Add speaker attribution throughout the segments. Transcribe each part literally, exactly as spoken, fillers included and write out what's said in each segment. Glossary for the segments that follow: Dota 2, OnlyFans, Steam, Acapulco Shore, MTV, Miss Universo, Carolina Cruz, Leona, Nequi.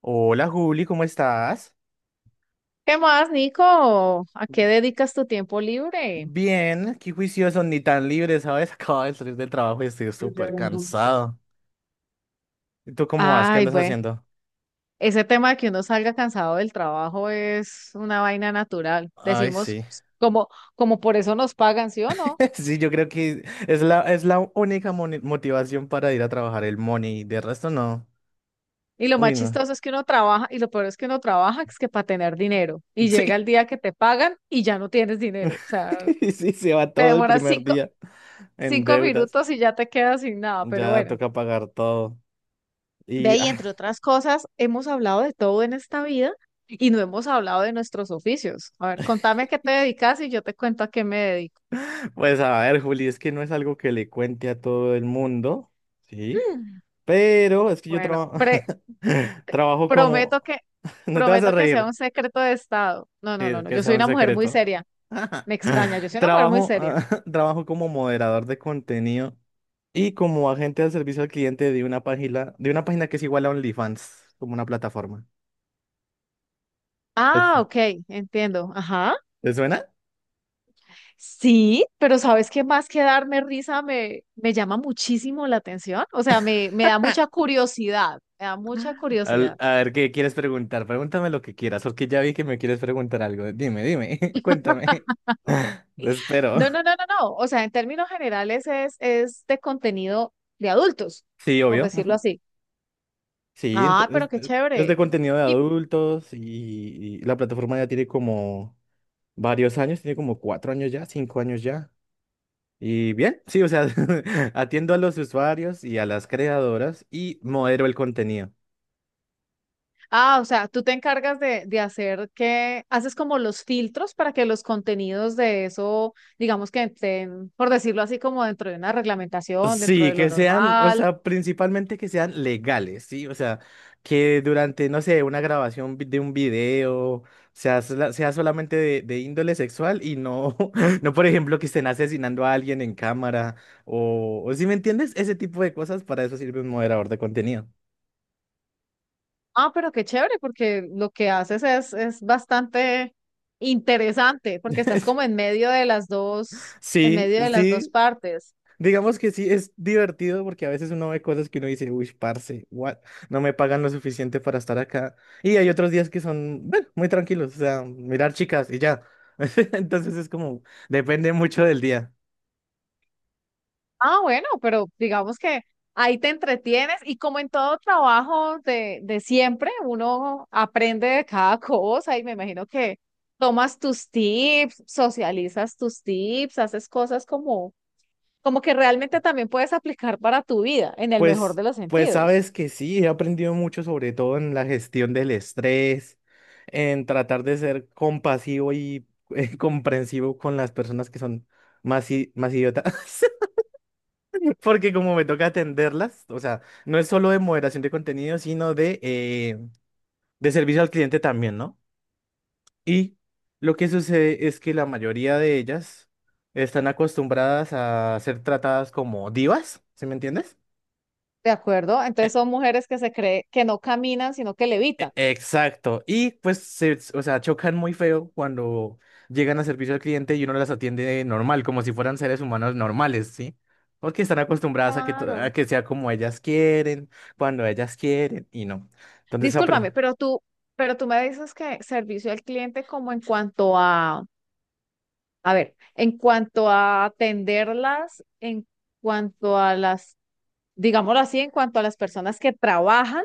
Speaker 1: Hola Juli, ¿cómo estás?
Speaker 2: ¿Qué más, Nico? ¿A qué dedicas tu tiempo libre?
Speaker 1: Bien, qué juicioso, ni tan libre, ¿sabes? Acabo de salir del trabajo y estoy súper cansado. ¿Y tú cómo vas? ¿Qué
Speaker 2: Ay,
Speaker 1: andas
Speaker 2: bueno,
Speaker 1: haciendo?
Speaker 2: ese tema de que uno salga cansado del trabajo es una vaina natural.
Speaker 1: Ay,
Speaker 2: Decimos
Speaker 1: sí.
Speaker 2: pues, como, como por eso nos pagan, ¿sí o no?
Speaker 1: Sí, yo creo que es la, es la única moni- motivación para ir a trabajar el money. De resto, no.
Speaker 2: Y lo más
Speaker 1: Uy, no.
Speaker 2: chistoso es que uno trabaja, y lo peor es que uno trabaja, es que para tener dinero. Y llega
Speaker 1: Sí.
Speaker 2: el día que te pagan y ya no tienes dinero. O sea,
Speaker 1: Sí, se va
Speaker 2: te
Speaker 1: todo el
Speaker 2: demoras
Speaker 1: primer
Speaker 2: cinco,
Speaker 1: día en
Speaker 2: cinco
Speaker 1: deudas.
Speaker 2: minutos y ya te quedas sin nada. Pero
Speaker 1: Ya
Speaker 2: bueno.
Speaker 1: toca pagar todo.
Speaker 2: Ve,
Speaker 1: Y
Speaker 2: y
Speaker 1: ah,
Speaker 2: entre otras cosas, hemos hablado de todo en esta vida y no hemos hablado de nuestros oficios. A ver, contame a qué te dedicas y yo te cuento a qué me dedico.
Speaker 1: pues a ver, Juli, es que no es algo que le cuente a todo el mundo, ¿sí?
Speaker 2: Mm.
Speaker 1: Pero es que yo
Speaker 2: Bueno,
Speaker 1: trabajo
Speaker 2: pre-
Speaker 1: trabajo como...
Speaker 2: prometo que,
Speaker 1: No te vas a
Speaker 2: prometo que sea
Speaker 1: reír,
Speaker 2: un secreto de estado. No,
Speaker 1: sí,
Speaker 2: no, no,
Speaker 1: es
Speaker 2: no.
Speaker 1: que
Speaker 2: Yo
Speaker 1: sea
Speaker 2: soy
Speaker 1: un
Speaker 2: una mujer muy
Speaker 1: secreto.
Speaker 2: seria. Me extraña, yo soy una mujer muy
Speaker 1: Trabajo,
Speaker 2: seria.
Speaker 1: trabajo como moderador de contenido y como agente de servicio al cliente de una página, de una página que es igual a OnlyFans, como una plataforma. ¿Te, su-
Speaker 2: Ah, ok, entiendo. Ajá.
Speaker 1: te suena?
Speaker 2: Sí, pero ¿sabes qué más que darme risa me, me llama muchísimo la atención? O sea, me, me da mucha curiosidad. Me da mucha
Speaker 1: Al-
Speaker 2: curiosidad.
Speaker 1: a ver, ¿qué quieres preguntar? Pregúntame lo que quieras, porque ya vi que me quieres preguntar algo. Dime, dime, cuéntame. Te espero.
Speaker 2: No, no, no, no, no. O sea, en términos generales es, es de contenido de adultos,
Speaker 1: Sí,
Speaker 2: por
Speaker 1: obvio.
Speaker 2: decirlo así.
Speaker 1: Sí, ent-
Speaker 2: Ah,
Speaker 1: es,
Speaker 2: pero qué
Speaker 1: es- es de
Speaker 2: chévere.
Speaker 1: contenido de
Speaker 2: Y,
Speaker 1: adultos y, y la plataforma ya tiene como varios años, tiene como cuatro años ya, cinco años ya. Y bien, sí, o sea, atiendo a los usuarios y a las creadoras y modero el contenido.
Speaker 2: ah, o sea, tú te encargas de, de hacer que, haces como los filtros para que los contenidos de eso, digamos que estén, por decirlo así, como dentro de una reglamentación, dentro
Speaker 1: Sí,
Speaker 2: de lo
Speaker 1: que sean, o
Speaker 2: normal.
Speaker 1: sea, principalmente que sean legales, ¿sí? O sea, que durante, no sé, una grabación vi- de un video sea, sola- sea solamente de, de índole sexual y no, no, por ejemplo, que estén asesinando a alguien en cámara o, o si me entiendes, ese tipo de cosas, para eso sirve un moderador de contenido.
Speaker 2: Ah, pero qué chévere, porque lo que haces es, es bastante interesante, porque estás como en medio de las dos, en
Speaker 1: Sí,
Speaker 2: medio de las dos
Speaker 1: sí.
Speaker 2: partes.
Speaker 1: Digamos que sí, es divertido porque a veces uno ve cosas que uno dice, uy, parce, what? No me pagan lo suficiente para estar acá. Y hay otros días que son, bueno, muy tranquilos, o sea, mirar chicas y ya. Entonces es como, depende mucho del día.
Speaker 2: Ah, bueno, pero digamos que ahí te entretienes y como en todo trabajo de, de siempre, uno aprende de cada cosa y me imagino que tomas tus tips, socializas tus tips, haces cosas como, como que realmente también puedes aplicar para tu vida, en el mejor
Speaker 1: Pues,
Speaker 2: de los
Speaker 1: pues
Speaker 2: sentidos.
Speaker 1: sabes que sí, he aprendido mucho, sobre todo en la gestión del estrés, en tratar de ser compasivo y eh, comprensivo con las personas que son más, i- más idiotas, porque como me toca atenderlas, o sea, no es solo de moderación de contenido, sino de, eh, de servicio al cliente también, ¿no? Y lo que sucede es que la mayoría de ellas están acostumbradas a ser tratadas como divas, ¿sí me entiendes?
Speaker 2: ¿De acuerdo? Entonces son mujeres que se cree que no caminan, sino que levitan.
Speaker 1: E- Exacto. Y pues, se, o sea, chocan muy feo cuando llegan a servicio al cliente y uno las atiende normal, como si fueran seres humanos normales, ¿sí? Porque están acostumbradas a que, to- a
Speaker 2: Claro.
Speaker 1: que sea como ellas quieren, cuando ellas quieren, y no. Entonces,
Speaker 2: Discúlpame,
Speaker 1: apre-
Speaker 2: pero tú, pero tú me dices que servicio al cliente como en cuanto a, a ver, en cuanto a atenderlas, en cuanto a las, digámoslo así, en cuanto a las personas que trabajan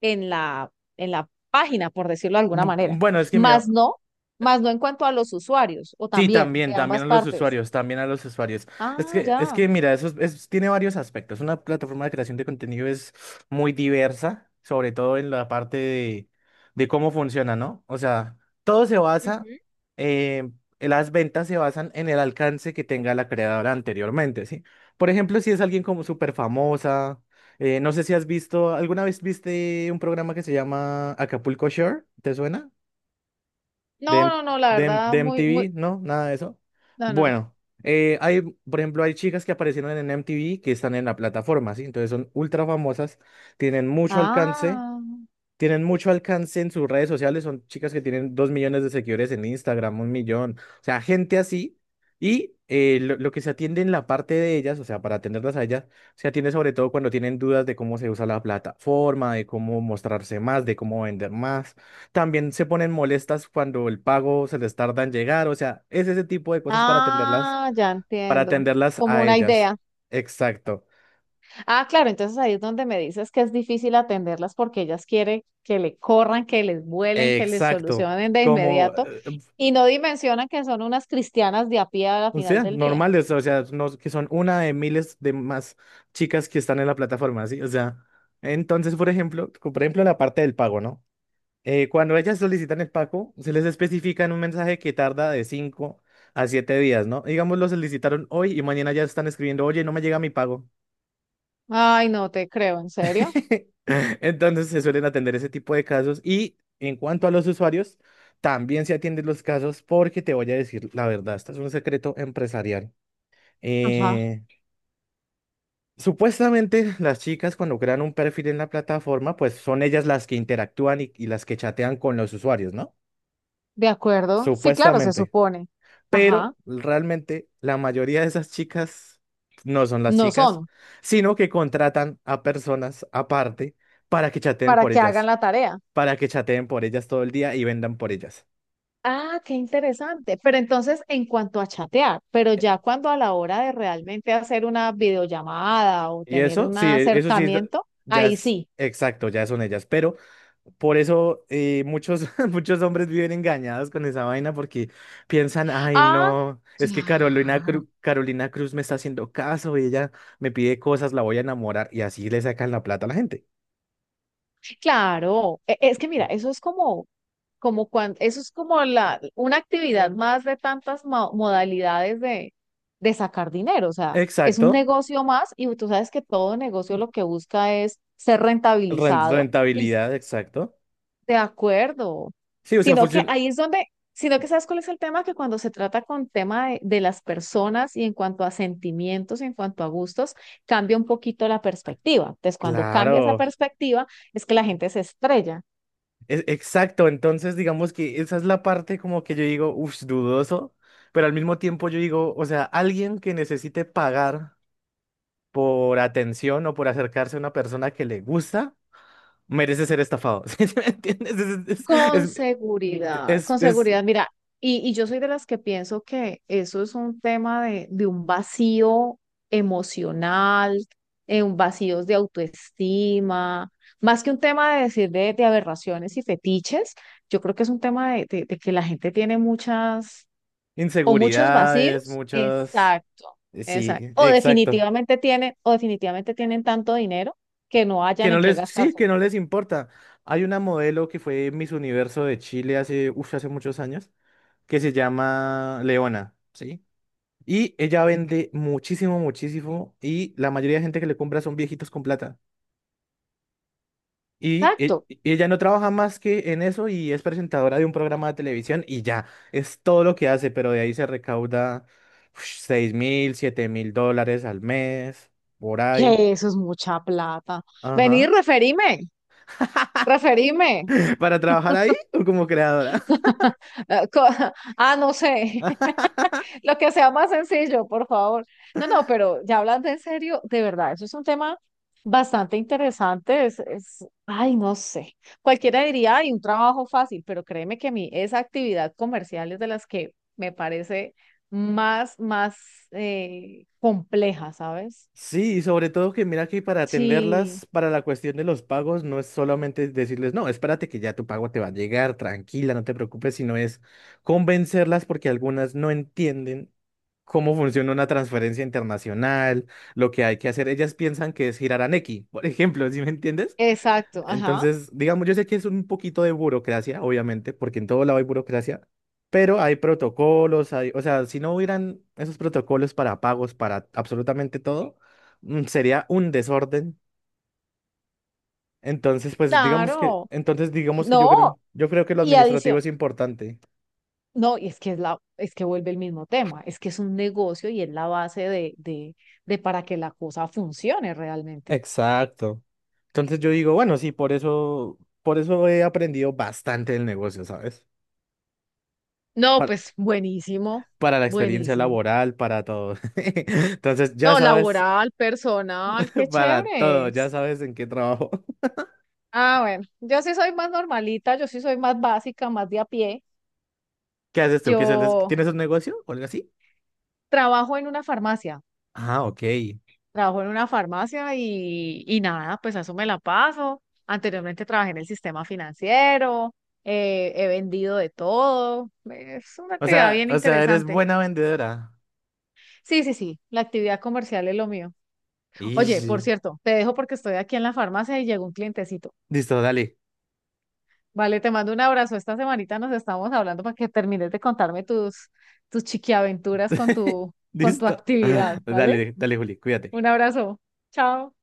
Speaker 2: en la, en la página, por decirlo de alguna
Speaker 1: Bu-
Speaker 2: manera.
Speaker 1: bueno, es que mira.
Speaker 2: Más no, más no en cuanto a los usuarios, o
Speaker 1: Sí,
Speaker 2: también de
Speaker 1: también, también
Speaker 2: ambas
Speaker 1: a los
Speaker 2: partes.
Speaker 1: usuarios, también a los usuarios. Es
Speaker 2: Ah,
Speaker 1: que, es
Speaker 2: ya.
Speaker 1: que mira, eso es- es- tiene varios aspectos. Una plataforma de creación de contenido es muy diversa, sobre todo en la parte de, de cómo funciona, ¿no? O sea, todo se basa,
Speaker 2: Ujú.
Speaker 1: eh, las ventas se basan en el alcance que tenga la creadora anteriormente, ¿sí? Por ejemplo, si es alguien como súper famosa, eh, no sé si has visto, ¿alguna vez viste un programa que se llama Acapulco Shore? ¿Te suena? De,
Speaker 2: No,
Speaker 1: M-
Speaker 2: no, no, la
Speaker 1: de, M-
Speaker 2: verdad,
Speaker 1: de
Speaker 2: muy, muy,
Speaker 1: M T V, ¿no? Nada de eso.
Speaker 2: no, no.
Speaker 1: Bueno, eh, hay, por ejemplo, hay chicas que aparecieron en M T V que están en la plataforma, ¿sí? Entonces son ultra famosas, tienen mucho alcance
Speaker 2: Ah,
Speaker 1: tienen mucho alcance en sus redes sociales, son chicas que tienen dos millones de seguidores en Instagram, un millón, o sea, gente así. Y eh, lo, lo que se atiende en la parte de ellas, o sea, para atenderlas a ellas, se atiende sobre todo cuando tienen dudas de cómo se usa la plataforma, de cómo mostrarse más, de cómo vender más. También se ponen molestas cuando el pago se les tarda en llegar, o sea, es ese tipo de cosas para atenderlas,
Speaker 2: ah, ya
Speaker 1: para
Speaker 2: entiendo.
Speaker 1: atenderlas
Speaker 2: Como
Speaker 1: a
Speaker 2: una
Speaker 1: ellas.
Speaker 2: idea.
Speaker 1: Exacto,
Speaker 2: Ah, claro, entonces ahí es donde me dices que es difícil atenderlas porque ellas quieren que le corran, que les vuelen, que les
Speaker 1: exacto.
Speaker 2: solucionen de
Speaker 1: Como,
Speaker 2: inmediato
Speaker 1: eh,
Speaker 2: y no dimensionan que son unas cristianas de a pie a la
Speaker 1: O
Speaker 2: final
Speaker 1: sea,
Speaker 2: del día.
Speaker 1: normales, o sea, no, que son una de miles de más chicas que están en la plataforma, ¿sí? O sea, entonces, por ejemplo, co- por ejemplo, la parte del pago, ¿no? Eh, cuando ellas solicitan el pago, se les especifica en un mensaje que tarda de cinco a siete días, ¿no? Digamos, lo solicitaron hoy y mañana ya están escribiendo, oye, no me llega mi pago.
Speaker 2: Ay, no te creo, ¿en serio?
Speaker 1: Entonces, se suelen atender ese tipo de casos. Y en cuanto a los usuarios, también se atienden los casos porque te voy a decir la verdad, esto es un secreto empresarial.
Speaker 2: Ajá,
Speaker 1: Eh, Supuestamente las chicas cuando crean un perfil en la plataforma, pues son ellas las que interactúan y, y las que chatean con los usuarios, ¿no?
Speaker 2: de acuerdo. Sí, claro, se
Speaker 1: Supuestamente.
Speaker 2: supone. Ajá,
Speaker 1: Pero realmente la mayoría de esas chicas no son las
Speaker 2: no
Speaker 1: chicas,
Speaker 2: son
Speaker 1: sino que contratan a personas aparte para que chateen
Speaker 2: para
Speaker 1: por
Speaker 2: que hagan
Speaker 1: ellas,
Speaker 2: la tarea.
Speaker 1: para que chateen por ellas todo el día y vendan por ellas.
Speaker 2: Ah, qué interesante. Pero entonces, en cuanto a chatear, pero ya cuando a la hora de realmente hacer una videollamada o
Speaker 1: Y
Speaker 2: tener
Speaker 1: eso,
Speaker 2: un
Speaker 1: sí, e- eso sí, es-
Speaker 2: acercamiento,
Speaker 1: ya
Speaker 2: ahí
Speaker 1: es
Speaker 2: sí.
Speaker 1: exacto, ya son ellas, pero por eso eh, muchos, muchos hombres viven engañados con esa vaina porque piensan, ay,
Speaker 2: Ah,
Speaker 1: no, es que Carolina,
Speaker 2: claro,
Speaker 1: Cru- Carolina Cruz me está haciendo caso y ella me pide cosas, la voy a enamorar y así le sacan la plata a la gente.
Speaker 2: claro. E- Es que mira, eso es como, como cuando, eso es como la, una actividad más de tantas mo- modalidades de, de sacar dinero. O sea, es un
Speaker 1: Exacto,
Speaker 2: negocio más y tú sabes que todo negocio lo que busca es ser
Speaker 1: ren-
Speaker 2: rentabilizado.
Speaker 1: rentabilidad, exacto.
Speaker 2: De acuerdo.
Speaker 1: Sí, o sea,
Speaker 2: Sino que
Speaker 1: funciona.
Speaker 2: ahí es donde, sino que sabes cuál es el tema, que cuando se trata con tema de, de las personas y en cuanto a sentimientos, en cuanto a gustos, cambia un poquito la perspectiva. Entonces, cuando cambia esa
Speaker 1: Claro,
Speaker 2: perspectiva, es que la gente se estrella.
Speaker 1: e- exacto. Entonces, digamos que esa es la parte como que yo digo, uff, dudoso, pero al mismo tiempo yo digo, o sea, alguien que necesite pagar por atención o por acercarse a una persona que le gusta, merece ser estafado. ¿Sí me entiendes? Es,
Speaker 2: Con
Speaker 1: es, es,
Speaker 2: seguridad,
Speaker 1: es-
Speaker 2: con
Speaker 1: es-
Speaker 2: seguridad. Mira, y, y yo soy de las que pienso que eso es un tema de, de un vacío emocional, eh, un vacío de autoestima, más que un tema de decir de, de aberraciones y fetiches, yo creo que es un tema de, de- de que la gente tiene muchas o muchos
Speaker 1: Inseguridades,
Speaker 2: vacíos.
Speaker 1: muchas.
Speaker 2: Exacto,
Speaker 1: eh, Sí,
Speaker 2: exacto. O
Speaker 1: exacto.
Speaker 2: definitivamente tienen, o definitivamente tienen tanto dinero que no
Speaker 1: Que
Speaker 2: hayan
Speaker 1: no
Speaker 2: en qué
Speaker 1: les, Sí,
Speaker 2: gastarse.
Speaker 1: que no les importa. Hay una modelo que fue Miss Universo de Chile hace, uf, hace muchos años, que se llama Leona, ¿sí? Y ella vende muchísimo, muchísimo. Y la mayoría de gente que le compra son viejitos con plata. Y, e-
Speaker 2: Exacto.
Speaker 1: y ella no trabaja más que en eso y es presentadora de un programa de televisión y ya, es todo lo que hace, pero de ahí se recauda seis mil, siete mil dólares al mes, por ahí.
Speaker 2: Que eso es mucha plata. Vení,
Speaker 1: Ajá.
Speaker 2: referime, referime.
Speaker 1: ¿Para trabajar ahí o como creadora?
Speaker 2: Ah, co- ah, no sé, lo que sea más sencillo, por favor. No, no, pero ya hablando en serio, de verdad, eso es un tema bastante interesante. Es, es, ay, no sé. Cualquiera diría, ay, un trabajo fácil, pero créeme que a mí esa actividad comercial es de las que me parece más, más eh, compleja, ¿sabes?
Speaker 1: Sí, y sobre todo que mira que para
Speaker 2: Sí,
Speaker 1: atenderlas, para la cuestión de los pagos, no es solamente decirles, no, espérate que ya tu pago te va a llegar, tranquila, no te preocupes, sino es convencerlas porque algunas no entienden cómo funciona una transferencia internacional, lo que hay que hacer. Ellas piensan que es girar a Nequi, por ejemplo, ¿sí me entiendes?
Speaker 2: exacto, ajá.
Speaker 1: Entonces, digamos, yo sé que es un poquito de burocracia, obviamente, porque en todo lado hay burocracia, pero hay protocolos, hay, o sea, si no hubieran esos protocolos para pagos, para absolutamente todo, mm, sería un desorden. Entonces, pues digamos que,
Speaker 2: Claro.
Speaker 1: entonces digamos que yo
Speaker 2: No,
Speaker 1: creo, yo creo que lo
Speaker 2: y
Speaker 1: administrativo
Speaker 2: adición,
Speaker 1: es importante.
Speaker 2: no, y es que es la, es que vuelve el mismo tema, es que es un negocio y es la base de, de, de para que la cosa funcione realmente.
Speaker 1: Exacto. Entonces yo digo, bueno, sí, por eso, por eso, he aprendido bastante del negocio, ¿sabes?
Speaker 2: No,
Speaker 1: Para,
Speaker 2: pues buenísimo,
Speaker 1: para la experiencia
Speaker 2: buenísimo.
Speaker 1: laboral, para todo. Entonces, ya
Speaker 2: No,
Speaker 1: sabes.
Speaker 2: laboral, personal, qué
Speaker 1: Para
Speaker 2: chévere.
Speaker 1: todo, ya
Speaker 2: Es.
Speaker 1: sabes en qué trabajo.
Speaker 2: Ah, bueno, yo sí soy más normalita, yo sí soy más básica, más de a pie.
Speaker 1: ¿Qué haces tú? ¿Qué es el-
Speaker 2: Yo
Speaker 1: ¿Tienes un negocio o algo así?
Speaker 2: trabajo en una farmacia.
Speaker 1: Ah, ok.
Speaker 2: Trabajo en una farmacia y, y nada, pues a eso me la paso. Anteriormente trabajé en el sistema financiero, eh, he vendido de todo. Es una
Speaker 1: O
Speaker 2: actividad
Speaker 1: sea,
Speaker 2: bien
Speaker 1: o sea, eres
Speaker 2: interesante.
Speaker 1: buena vendedora.
Speaker 2: Sí, sí, sí, la actividad comercial es lo mío. Oye, por
Speaker 1: Ish.
Speaker 2: cierto, te dejo porque estoy aquí en la farmacia y llegó un clientecito.
Speaker 1: Listo, dale.
Speaker 2: Vale, te mando un abrazo. Esta semanita nos estamos hablando para que termines de contarme tus, tus chiquiaventuras con tu, con tu
Speaker 1: Listo.
Speaker 2: actividad, ¿vale?
Speaker 1: Dale, dale, Juli,
Speaker 2: Un
Speaker 1: cuídate.
Speaker 2: abrazo. Chao.